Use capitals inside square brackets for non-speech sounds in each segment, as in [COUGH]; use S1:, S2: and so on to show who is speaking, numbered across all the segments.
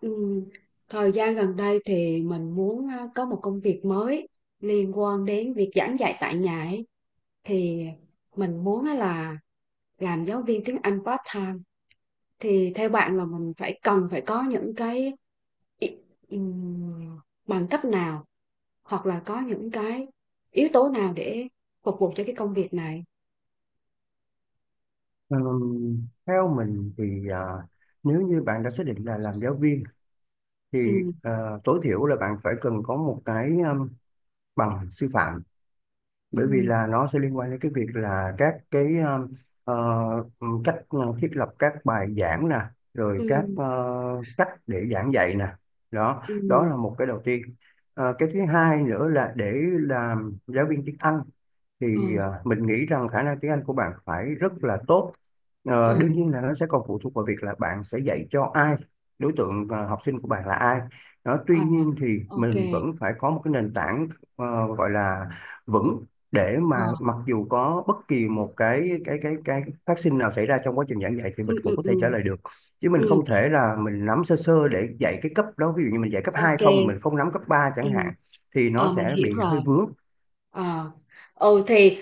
S1: Ừ, thời gian gần đây thì mình muốn có một công việc mới liên quan đến việc giảng dạy tại nhà ấy. Thì mình muốn á là làm giáo viên tiếng Anh part time. Thì theo bạn là mình phải cần phải có những cái ý- ừm, bằng cấp nào hoặc là có những cái yếu tố nào để phục vụ cho cái công việc này?
S2: Theo mình thì nếu như bạn đã xác định là làm giáo viên thì
S1: Ừ,
S2: à, tối thiểu là bạn phải cần có một cái bằng sư phạm, bởi vì
S1: ừ,
S2: là nó sẽ liên quan đến cái việc là các cái ờ, cách thiết lập các bài giảng nè, rồi
S1: ừ,
S2: các cách để giảng dạy nè. đó
S1: ừ,
S2: đó là một cái đầu tiên. Cái thứ hai nữa là để làm giáo viên tiếng Anh thì
S1: ừ,
S2: mình nghĩ rằng khả năng tiếng Anh của bạn phải rất là tốt.
S1: ừ,
S2: Đương nhiên là nó sẽ còn phụ thuộc vào việc là bạn sẽ dạy cho ai, đối tượng học sinh của bạn là ai. Đó, tuy
S1: à,
S2: nhiên thì
S1: ok,
S2: mình vẫn phải có một cái nền tảng gọi là vững, để
S1: ờ,
S2: mà mặc dù có bất kỳ một cái phát sinh nào xảy ra trong quá trình giảng dạy thì
S1: ừ,
S2: mình
S1: ừ,
S2: cũng có
S1: ừ,
S2: thể trả lời được. Chứ mình
S1: ừ.
S2: không thể là mình nắm sơ sơ để dạy cái cấp đó, ví dụ như mình dạy cấp 2
S1: Ok.
S2: không, mình không nắm cấp 3
S1: Ừ.
S2: chẳng hạn, thì nó
S1: Ờ, mình
S2: sẽ
S1: hiểu
S2: bị hơi
S1: rồi.
S2: vướng.
S1: Ờ. Ừ thì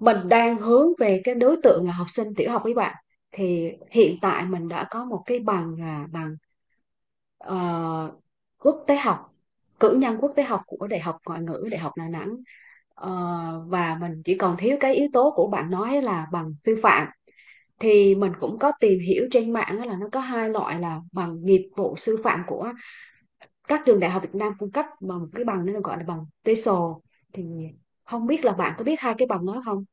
S1: mình đang hướng về cái đối tượng là học sinh tiểu học với bạn. Thì hiện tại mình đã có một cái bằng là bằng ờ, quốc tế học, cử nhân quốc tế học của Đại học Ngoại ngữ Đại học Đà Nẵng. Ờ, và mình chỉ còn thiếu cái yếu tố của bạn nói là bằng sư phạm. Thì mình cũng có tìm hiểu trên mạng á là nó có hai loại là bằng nghiệp vụ sư phạm của các trường đại học Việt Nam cung cấp mà một cái bằng nó gọi là bằng TESOL, thì không biết là bạn có biết hai cái bằng đó không?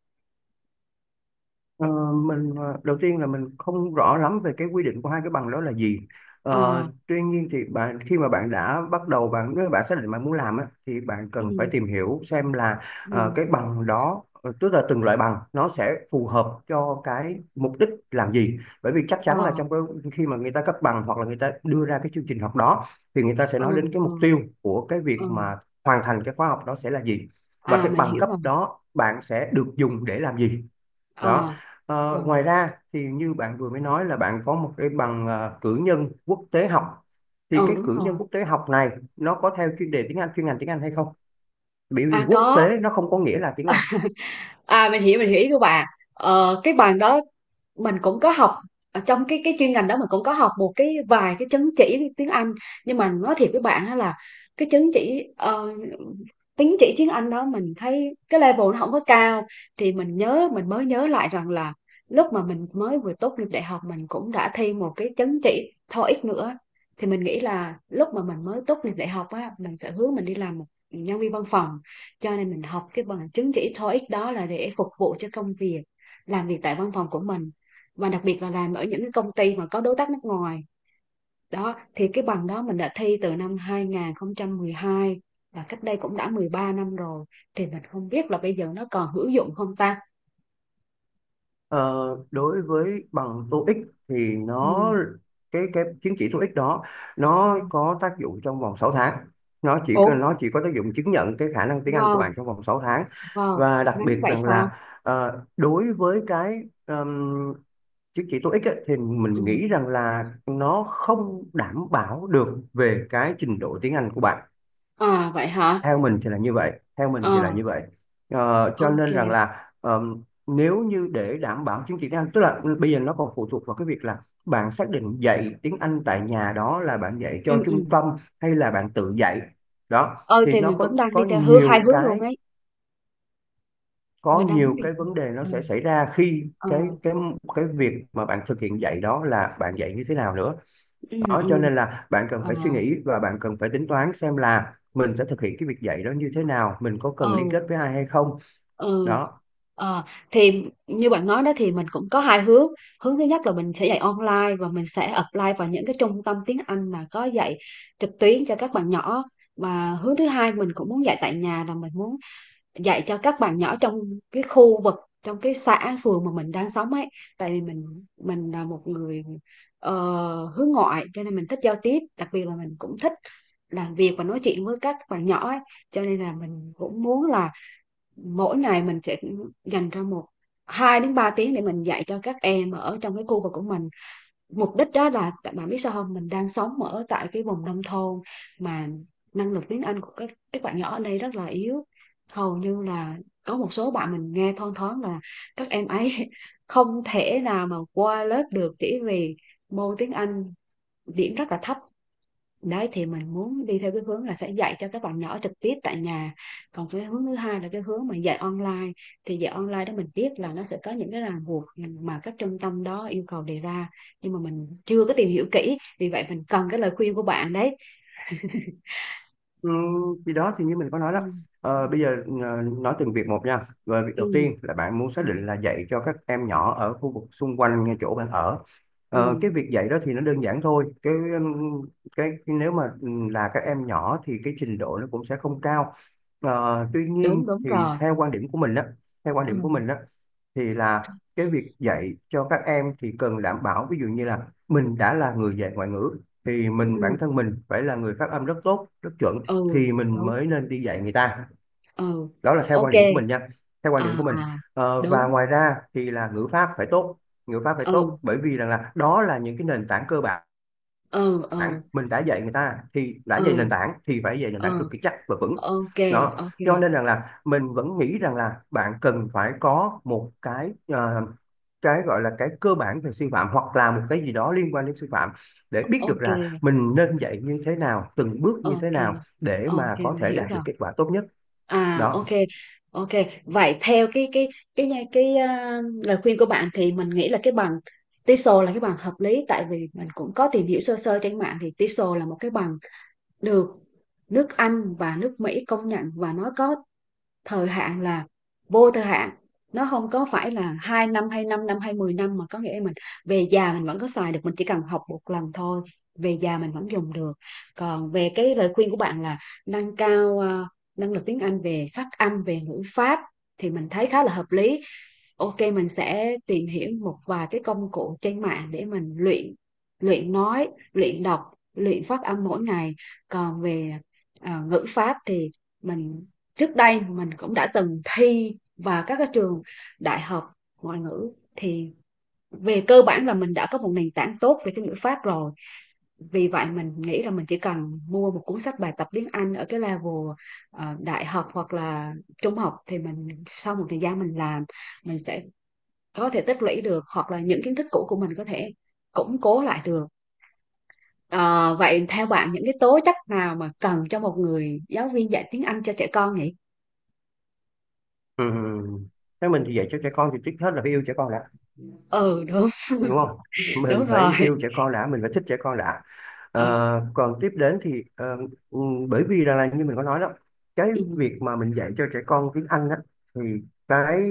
S2: Ờ, Đầu tiên là mình không rõ lắm về cái quy định của hai cái bằng đó là gì. Ờ,
S1: À,
S2: Tuy nhiên thì bạn khi mà bạn đã bắt đầu bạn nếu bạn xác định bạn muốn làm á, thì bạn
S1: ừ,
S2: cần phải tìm hiểu xem là
S1: ừ,
S2: cái bằng đó, tức là từng loại bằng nó sẽ phù hợp cho cái mục đích làm gì. Bởi vì chắc chắn là
S1: à,
S2: trong cái khi mà người ta cấp bằng hoặc là người ta đưa ra cái chương trình học đó thì người ta sẽ
S1: ừ,
S2: nói đến cái
S1: ừ,
S2: mục tiêu của cái
S1: ừ,
S2: việc mà hoàn thành cái khóa học đó sẽ là gì, và
S1: à
S2: cái
S1: mình
S2: bằng
S1: hiểu
S2: cấp
S1: rồi,
S2: đó bạn sẽ được dùng để làm gì.
S1: à,
S2: Đó.
S1: ừ,
S2: Ngoài ra thì như bạn vừa mới nói là bạn có một cái bằng cử nhân quốc tế học, thì
S1: ừ,
S2: cái
S1: đúng
S2: cử
S1: rồi,
S2: nhân quốc tế học này nó có theo chuyên đề tiếng Anh, chuyên ngành tiếng Anh hay không, bởi
S1: à
S2: vì quốc
S1: có.
S2: tế nó không có nghĩa là tiếng Anh.
S1: À mình hiểu, mình hiểu ý của bạn. Ờ, cái bằng đó mình cũng có học, ở trong cái chuyên ngành đó mình cũng có học một cái vài cái chứng chỉ tiếng Anh, nhưng mà nói thiệt với bạn á là cái chứng chỉ tín chỉ tiếng Anh đó mình thấy cái level nó không có cao. Thì mình nhớ, mình mới nhớ lại rằng là lúc mà mình mới vừa tốt nghiệp đại học mình cũng đã thi một cái chứng chỉ TOEIC nữa. Thì mình nghĩ là lúc mà mình mới tốt nghiệp đại học á, mình sẽ hướng mình đi làm một nhân viên văn phòng, cho nên mình học cái bằng chứng chỉ TOEIC đó là để phục vụ cho công việc làm việc tại văn phòng của mình, và đặc biệt là làm ở những cái công ty mà có đối tác nước ngoài. Đó, thì cái bằng đó mình đã thi từ năm 2012, và cách đây cũng đã 13 năm rồi, thì mình không biết là bây giờ nó còn hữu dụng không ta.
S2: Ờ, Đối với bằng TOEIC thì nó,
S1: Ừ.
S2: cái chứng chỉ TOEIC đó, nó
S1: Ừ.
S2: có tác dụng trong vòng 6 tháng. nó chỉ
S1: Ủa,
S2: nó chỉ có tác dụng chứng nhận cái khả năng tiếng Anh của
S1: wow,
S2: bạn trong vòng 6 tháng.
S1: wow,
S2: Và đặc
S1: ngắn
S2: biệt
S1: vậy
S2: rằng
S1: sao?
S2: là đối với cái chứng chỉ TOEIC ấy, thì
S1: Ừ.
S2: mình nghĩ rằng là nó không đảm bảo được về cái trình độ tiếng Anh của bạn.
S1: À vậy hả?
S2: Theo mình thì là như vậy, theo mình thì
S1: Ờ,
S2: là như vậy. Cho
S1: ok.
S2: nên rằng là, nếu như để đảm bảo chứng chỉ tiếng Anh, tức là bây giờ nó còn phụ thuộc vào cái việc là bạn xác định dạy tiếng Anh tại nhà đó là bạn dạy cho
S1: Ừ, ừ.
S2: trung tâm hay là bạn tự dạy. Đó,
S1: Ờ
S2: thì
S1: thì
S2: nó
S1: mình
S2: có
S1: cũng đang đi
S2: có
S1: theo hướng hai
S2: nhiều
S1: hướng luôn
S2: cái
S1: ấy.
S2: có
S1: Mình đang muốn
S2: nhiều
S1: đi.
S2: cái vấn đề nó
S1: Ừ,
S2: sẽ xảy ra khi
S1: ờ,
S2: cái việc mà bạn thực hiện dạy đó là bạn dạy như thế nào nữa.
S1: ừ,
S2: Đó, cho
S1: ừ,
S2: nên là bạn cần
S1: ờ,
S2: phải suy nghĩ và bạn cần phải tính toán xem là mình sẽ thực hiện cái việc dạy đó như thế nào, mình có cần liên
S1: ờ.
S2: kết với ai hay không.
S1: Ừ.
S2: Đó.
S1: Ờ, thì như bạn nói đó thì mình cũng có hai hướng. Hướng thứ nhất là mình sẽ dạy online và mình sẽ apply vào những cái trung tâm tiếng Anh mà có dạy trực tuyến cho các bạn nhỏ. Và hướng thứ hai, mình cũng muốn dạy tại nhà, là mình muốn dạy cho các bạn nhỏ trong cái khu vực, trong cái xã phường mà mình đang sống ấy. Tại vì mình là một người ờ, hướng ngoại, cho nên mình thích giao tiếp, đặc biệt là mình cũng thích làm việc và nói chuyện với các bạn nhỏ ấy. Cho nên là mình cũng muốn là mỗi ngày mình sẽ dành ra một 2 đến 3 tiếng để mình dạy cho các em ở trong cái khu vực của mình. Mục đích đó là bạn biết sao không? Mình đang sống ở tại cái vùng nông thôn, mà năng lực tiếng Anh của các bạn nhỏ ở đây rất là yếu. Hầu như là có một số bạn mình nghe thoang thoáng là các em ấy [LAUGHS] không thể nào mà qua lớp được chỉ vì môn tiếng Anh điểm rất là thấp đấy. Thì mình muốn đi theo cái hướng là sẽ dạy cho các bạn nhỏ trực tiếp tại nhà. Còn cái hướng thứ hai là cái hướng mà dạy online, thì dạy online đó mình biết là nó sẽ có những cái ràng buộc mà các trung tâm đó yêu cầu đề ra, nhưng mà mình chưa có tìm hiểu kỹ, vì vậy mình cần cái lời khuyên của bạn đấy. [LAUGHS]
S2: Ừ, thì đó thì như mình có nói
S1: Ừ.
S2: đó.
S1: Ừ.
S2: Ờ, bây giờ nói từng việc một nha, và việc
S1: Ừ.
S2: đầu tiên là bạn muốn xác
S1: Ừ.
S2: định là dạy cho các em nhỏ ở khu vực xung quanh ngay chỗ bạn ở.
S1: Ừ.
S2: Cái việc dạy đó thì nó đơn giản thôi. Cái nếu mà là các em nhỏ thì cái trình độ nó cũng sẽ không cao. Tuy nhiên
S1: Đúng, đúng
S2: thì
S1: rồi.
S2: theo quan
S1: Ừ.
S2: điểm của mình đó, thì là cái việc dạy cho các em thì cần đảm bảo, ví dụ như là mình đã là người dạy ngoại ngữ thì mình,
S1: Ừ.
S2: bản thân mình phải là người phát âm rất tốt rất chuẩn
S1: Ừ
S2: thì mình
S1: đúng.
S2: mới nên đi dạy người ta.
S1: Ừ.
S2: Đó là theo quan
S1: Ok.
S2: điểm của mình nha, theo quan điểm
S1: À
S2: của mình.
S1: à.
S2: Và
S1: Đúng.
S2: ngoài ra thì là ngữ pháp phải tốt, ngữ pháp phải
S1: Ừ,
S2: tốt, bởi vì rằng là đó là những cái nền tảng cơ bản.
S1: ừ, ừ,
S2: Mình đã dạy người ta thì đã
S1: ừ,
S2: dạy nền tảng, thì phải dạy nền
S1: ừ.
S2: tảng cực kỳ chắc và vững.
S1: Ok,
S2: Đó,
S1: ok,
S2: cho nên rằng là mình vẫn nghĩ rằng là bạn cần phải có một cái gọi là cái cơ bản về sư phạm, hoặc là một cái gì đó liên quan đến sư phạm, để biết được
S1: ok,
S2: là mình nên dạy như thế nào, từng bước như thế
S1: ok,
S2: nào, để
S1: ok
S2: mà có
S1: mình
S2: thể
S1: hiểu
S2: đạt được
S1: rồi.
S2: kết quả tốt nhất.
S1: À ok.
S2: Đó.
S1: Ok, vậy theo cái lời khuyên của bạn thì mình nghĩ là cái bằng TESOL là cái bằng hợp lý, tại vì mình cũng có tìm hiểu sơ sơ trên mạng thì TESOL là một cái bằng được nước Anh và nước Mỹ công nhận, và nó có thời hạn là vô thời hạn. Nó không có phải là hai năm hay năm năm hay 10 năm, mà có nghĩa là mình về già mình vẫn có xài được, mình chỉ cần học một lần thôi, về già mình vẫn dùng được. Còn về cái lời khuyên của bạn là nâng cao năng lực tiếng Anh về phát âm về ngữ pháp, thì mình thấy khá là hợp lý. Ok, mình sẽ tìm hiểu một vài cái công cụ trên mạng để mình luyện, luyện nói luyện đọc luyện phát âm mỗi ngày. Còn về ngữ pháp thì mình, trước đây mình cũng đã từng thi vào các cái trường đại học ngoại ngữ, thì về cơ bản là mình đã có một nền tảng tốt về cái ngữ pháp rồi. Vì vậy mình nghĩ là mình chỉ cần mua một cuốn sách bài tập tiếng Anh ở cái level đại học hoặc là trung học, thì mình sau một thời gian mình làm, mình sẽ có thể tích lũy được, hoặc là những kiến thức cũ của mình có thể củng cố lại được. Ờ, vậy theo bạn những cái tố chất nào mà cần cho một người giáo viên dạy tiếng Anh cho trẻ con nhỉ?
S2: Ừ. Thế mình thì dạy cho trẻ con thì trước hết là phải yêu trẻ con đã,
S1: Ừ đúng.
S2: đúng
S1: [LAUGHS]
S2: không? Mình
S1: Đúng
S2: phải
S1: rồi.
S2: yêu trẻ con đã, mình phải thích trẻ con đã. Ờ,
S1: Ừ,
S2: còn tiếp đến thì ờ, ừ, bởi vì là như mình có nói đó, cái
S1: ừ,
S2: việc mà mình dạy cho trẻ con tiếng Anh á, thì cái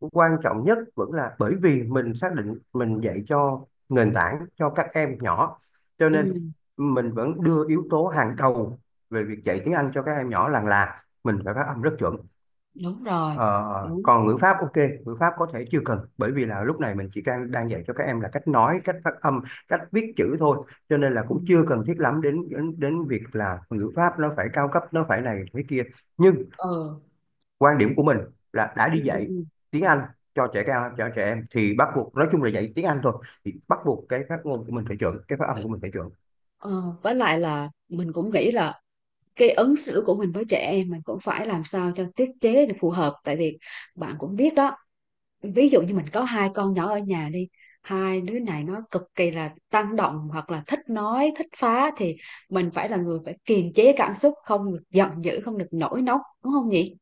S2: quan trọng nhất vẫn là, bởi vì mình xác định mình dạy cho nền tảng cho các em nhỏ, cho
S1: ừ,
S2: nên mình vẫn đưa yếu tố hàng đầu về việc dạy tiếng Anh cho các em nhỏ là mình phải phát âm rất chuẩn.
S1: đúng rồi,
S2: Ờ,
S1: đúng.
S2: Còn ngữ pháp, ok, ngữ pháp có thể chưa cần, bởi vì là lúc này mình chỉ đang đang dạy cho các em là cách nói, cách phát âm, cách viết chữ thôi, cho nên là
S1: Ừ,
S2: cũng chưa cần thiết lắm đến đến đến việc là ngữ pháp nó phải cao cấp, nó phải này thế kia. Nhưng
S1: ừ,
S2: quan điểm của mình là đã
S1: ừ,
S2: đi
S1: ừ.
S2: dạy
S1: Ừ.
S2: tiếng Anh cho trẻ em, thì bắt buộc, nói chung là dạy tiếng Anh thôi, thì bắt buộc cái phát ngôn của mình phải chuẩn, cái phát âm của mình phải chuẩn.
S1: Ờ, với lại là mình cũng nghĩ là cái ứng xử của mình với trẻ em mình cũng phải làm sao cho tiết chế để phù hợp, tại vì bạn cũng biết đó, ví dụ như mình có hai con nhỏ ở nhà đi, hai đứa này nó cực kỳ là tăng động hoặc là thích nói thích phá, thì mình phải là người phải kiềm chế cảm xúc, không được giận dữ, không được nổi nóng, đúng không nhỉ?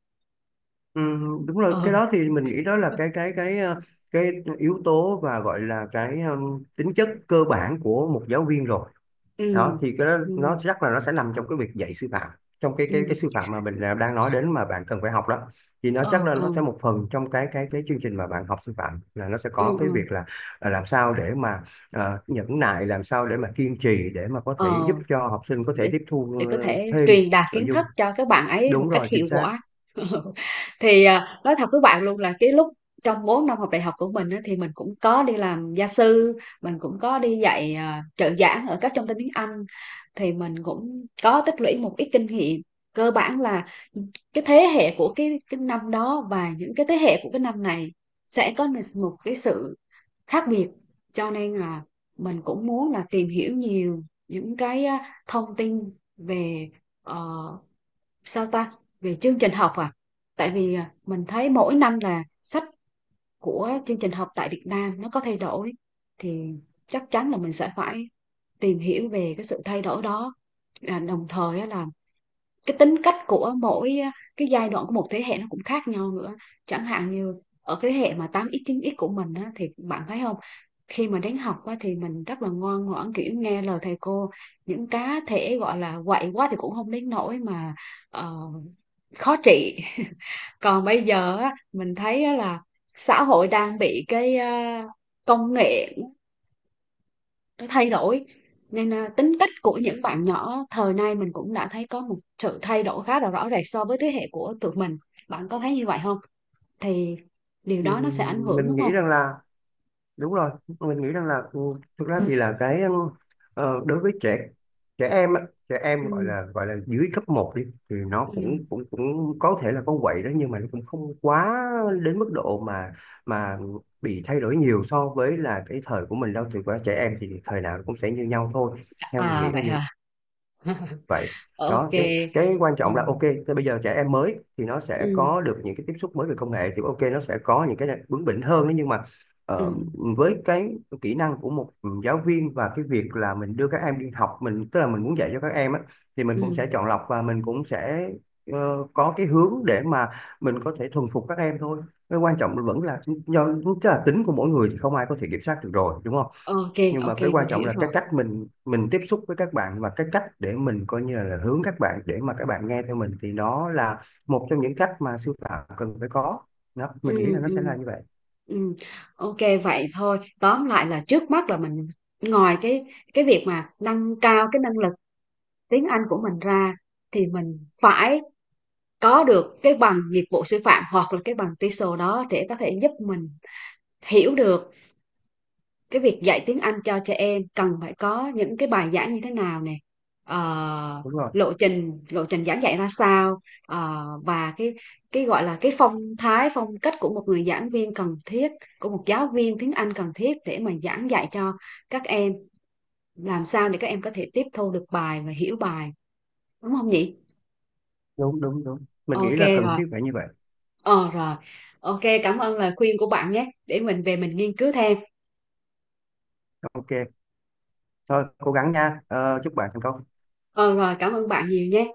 S2: Ừ, đúng rồi,
S1: Ờ,
S2: cái đó thì mình nghĩ đó là cái yếu tố và gọi là cái tính chất cơ bản của một giáo viên rồi.
S1: ừ,
S2: Đó thì cái đó
S1: ừ,
S2: nó chắc là nó sẽ nằm trong cái việc dạy sư phạm, trong cái
S1: ừ,
S2: sư phạm mà mình là đang nói đến mà bạn cần phải học đó, thì nó chắc
S1: ừ,
S2: là nó sẽ
S1: ừ,
S2: một phần trong cái chương trình mà bạn học sư phạm, là nó sẽ
S1: ừ,
S2: có cái
S1: ừ.
S2: việc là làm sao để mà nhẫn nại, làm sao để mà kiên trì để mà có thể
S1: Ờ.
S2: giúp cho học sinh có thể
S1: để,
S2: tiếp
S1: để
S2: thu
S1: có thể
S2: thêm
S1: truyền đạt
S2: nội
S1: kiến
S2: dung.
S1: thức cho các bạn ấy một
S2: Đúng
S1: cách
S2: rồi, chính
S1: hiệu
S2: xác.
S1: quả. [LAUGHS] Thì nói thật với bạn luôn là cái lúc trong 4 năm học đại học của mình á, thì mình cũng có đi làm gia sư, mình cũng có đi dạy trợ giảng ở các trung tâm tiếng Anh, thì mình cũng có tích lũy một ít kinh nghiệm. Cơ bản là cái thế hệ của cái năm đó và những cái thế hệ của cái năm này sẽ có một cái sự khác biệt, cho nên là mình cũng muốn là tìm hiểu nhiều những cái thông tin về ờ, sao ta về chương trình học, à tại vì mình thấy mỗi năm là sách của chương trình học tại Việt Nam nó có thay đổi, thì chắc chắn là mình sẽ phải tìm hiểu về cái sự thay đổi đó. À, đồng thời á là cái tính cách của mỗi cái giai đoạn của một thế hệ nó cũng khác nhau nữa. Chẳng hạn như ở cái thế hệ mà tám x chín x của mình á, thì bạn thấy không, khi mà đến học á, thì mình rất là ngoan ngoãn, kiểu nghe lời thầy cô, những cá thể gọi là quậy quá thì cũng không đến nỗi mà ờ, khó trị. [LAUGHS] Còn bây giờ á, mình thấy á là xã hội đang bị cái công nghệ nó thay đổi, nên tính cách của những bạn nhỏ thời nay mình cũng đã thấy có một sự thay đổi khá là rõ rệt so với thế hệ của tụi mình. Bạn có thấy như vậy không? Thì điều
S2: Ừ,
S1: đó nó sẽ ảnh hưởng
S2: mình
S1: đúng không?
S2: nghĩ rằng là đúng rồi, mình nghĩ rằng là thực ra
S1: Ừ,
S2: thì là cái đối với trẻ trẻ em á, trẻ em gọi
S1: ừ,
S2: là gọi là dưới cấp một đi, thì nó
S1: ừ.
S2: cũng cũng cũng có thể là con quậy đó, nhưng mà nó cũng không quá đến mức độ mà bị thay đổi nhiều so với là cái thời của mình đâu. Thì qua trẻ em thì thời nào cũng sẽ như nhau thôi, theo mình
S1: À
S2: nghĩ là
S1: vậy
S2: như
S1: hả? [LAUGHS]
S2: vậy.
S1: Ok.
S2: Đó, cái quan
S1: Ờ,
S2: trọng là, ok, thế bây giờ trẻ em mới thì nó sẽ
S1: ừ,
S2: có được những cái tiếp xúc mới về công nghệ, thì ok, nó sẽ có những cái bướng bỉnh hơn đấy, nhưng mà
S1: ừ,
S2: ờ, với cái kỹ năng của một giáo viên và cái việc là mình đưa các em đi học, mình tức là mình muốn dạy cho các em á, thì mình cũng
S1: ừ.
S2: sẽ chọn lọc và mình cũng sẽ có cái hướng để mà mình có thể thuần phục các em thôi. Cái quan trọng vẫn là do, tức là tính của mỗi người thì không ai có thể kiểm soát được rồi, đúng không?
S1: Ok,
S2: Nhưng mà
S1: ok
S2: cái quan
S1: mình
S2: trọng
S1: hiểu
S2: là cái
S1: rồi.
S2: cách mình tiếp xúc với các bạn, và cái cách để mình coi như là hướng các bạn để mà các bạn nghe theo mình, thì nó là một trong những cách mà sư phạm cần phải có. Đó, mình nghĩ là
S1: Ừ,
S2: nó
S1: ừ.
S2: sẽ là như vậy.
S1: Ừ, ok, vậy thôi tóm lại là trước mắt là mình, ngoài cái việc mà nâng cao cái năng lực tiếng Anh của mình ra, thì mình phải có được cái bằng nghiệp vụ sư phạm hoặc là cái bằng TESOL đó để có thể giúp mình hiểu được cái việc dạy tiếng Anh cho trẻ em cần phải có những cái bài giảng như thế nào nè, ờ,
S2: Đúng rồi,
S1: lộ trình giảng dạy ra sao, ờ, và cái gọi là cái phong cách của một người giảng viên cần thiết, của một giáo viên tiếng Anh cần thiết, để mà giảng dạy cho các em, làm sao để các em có thể tiếp thu được bài và hiểu bài, đúng không nhỉ?
S2: đúng đúng đúng, mình nghĩ
S1: Ok,
S2: là cần
S1: rồi.
S2: thiết phải như vậy.
S1: Ờ rồi, ok cảm ơn lời khuyên của bạn nhé, để mình về mình nghiên cứu thêm.
S2: Ok, thôi cố gắng nha. Ờ, Chúc bạn thành công.
S1: Ờ rồi, cảm ơn bạn nhiều nhé.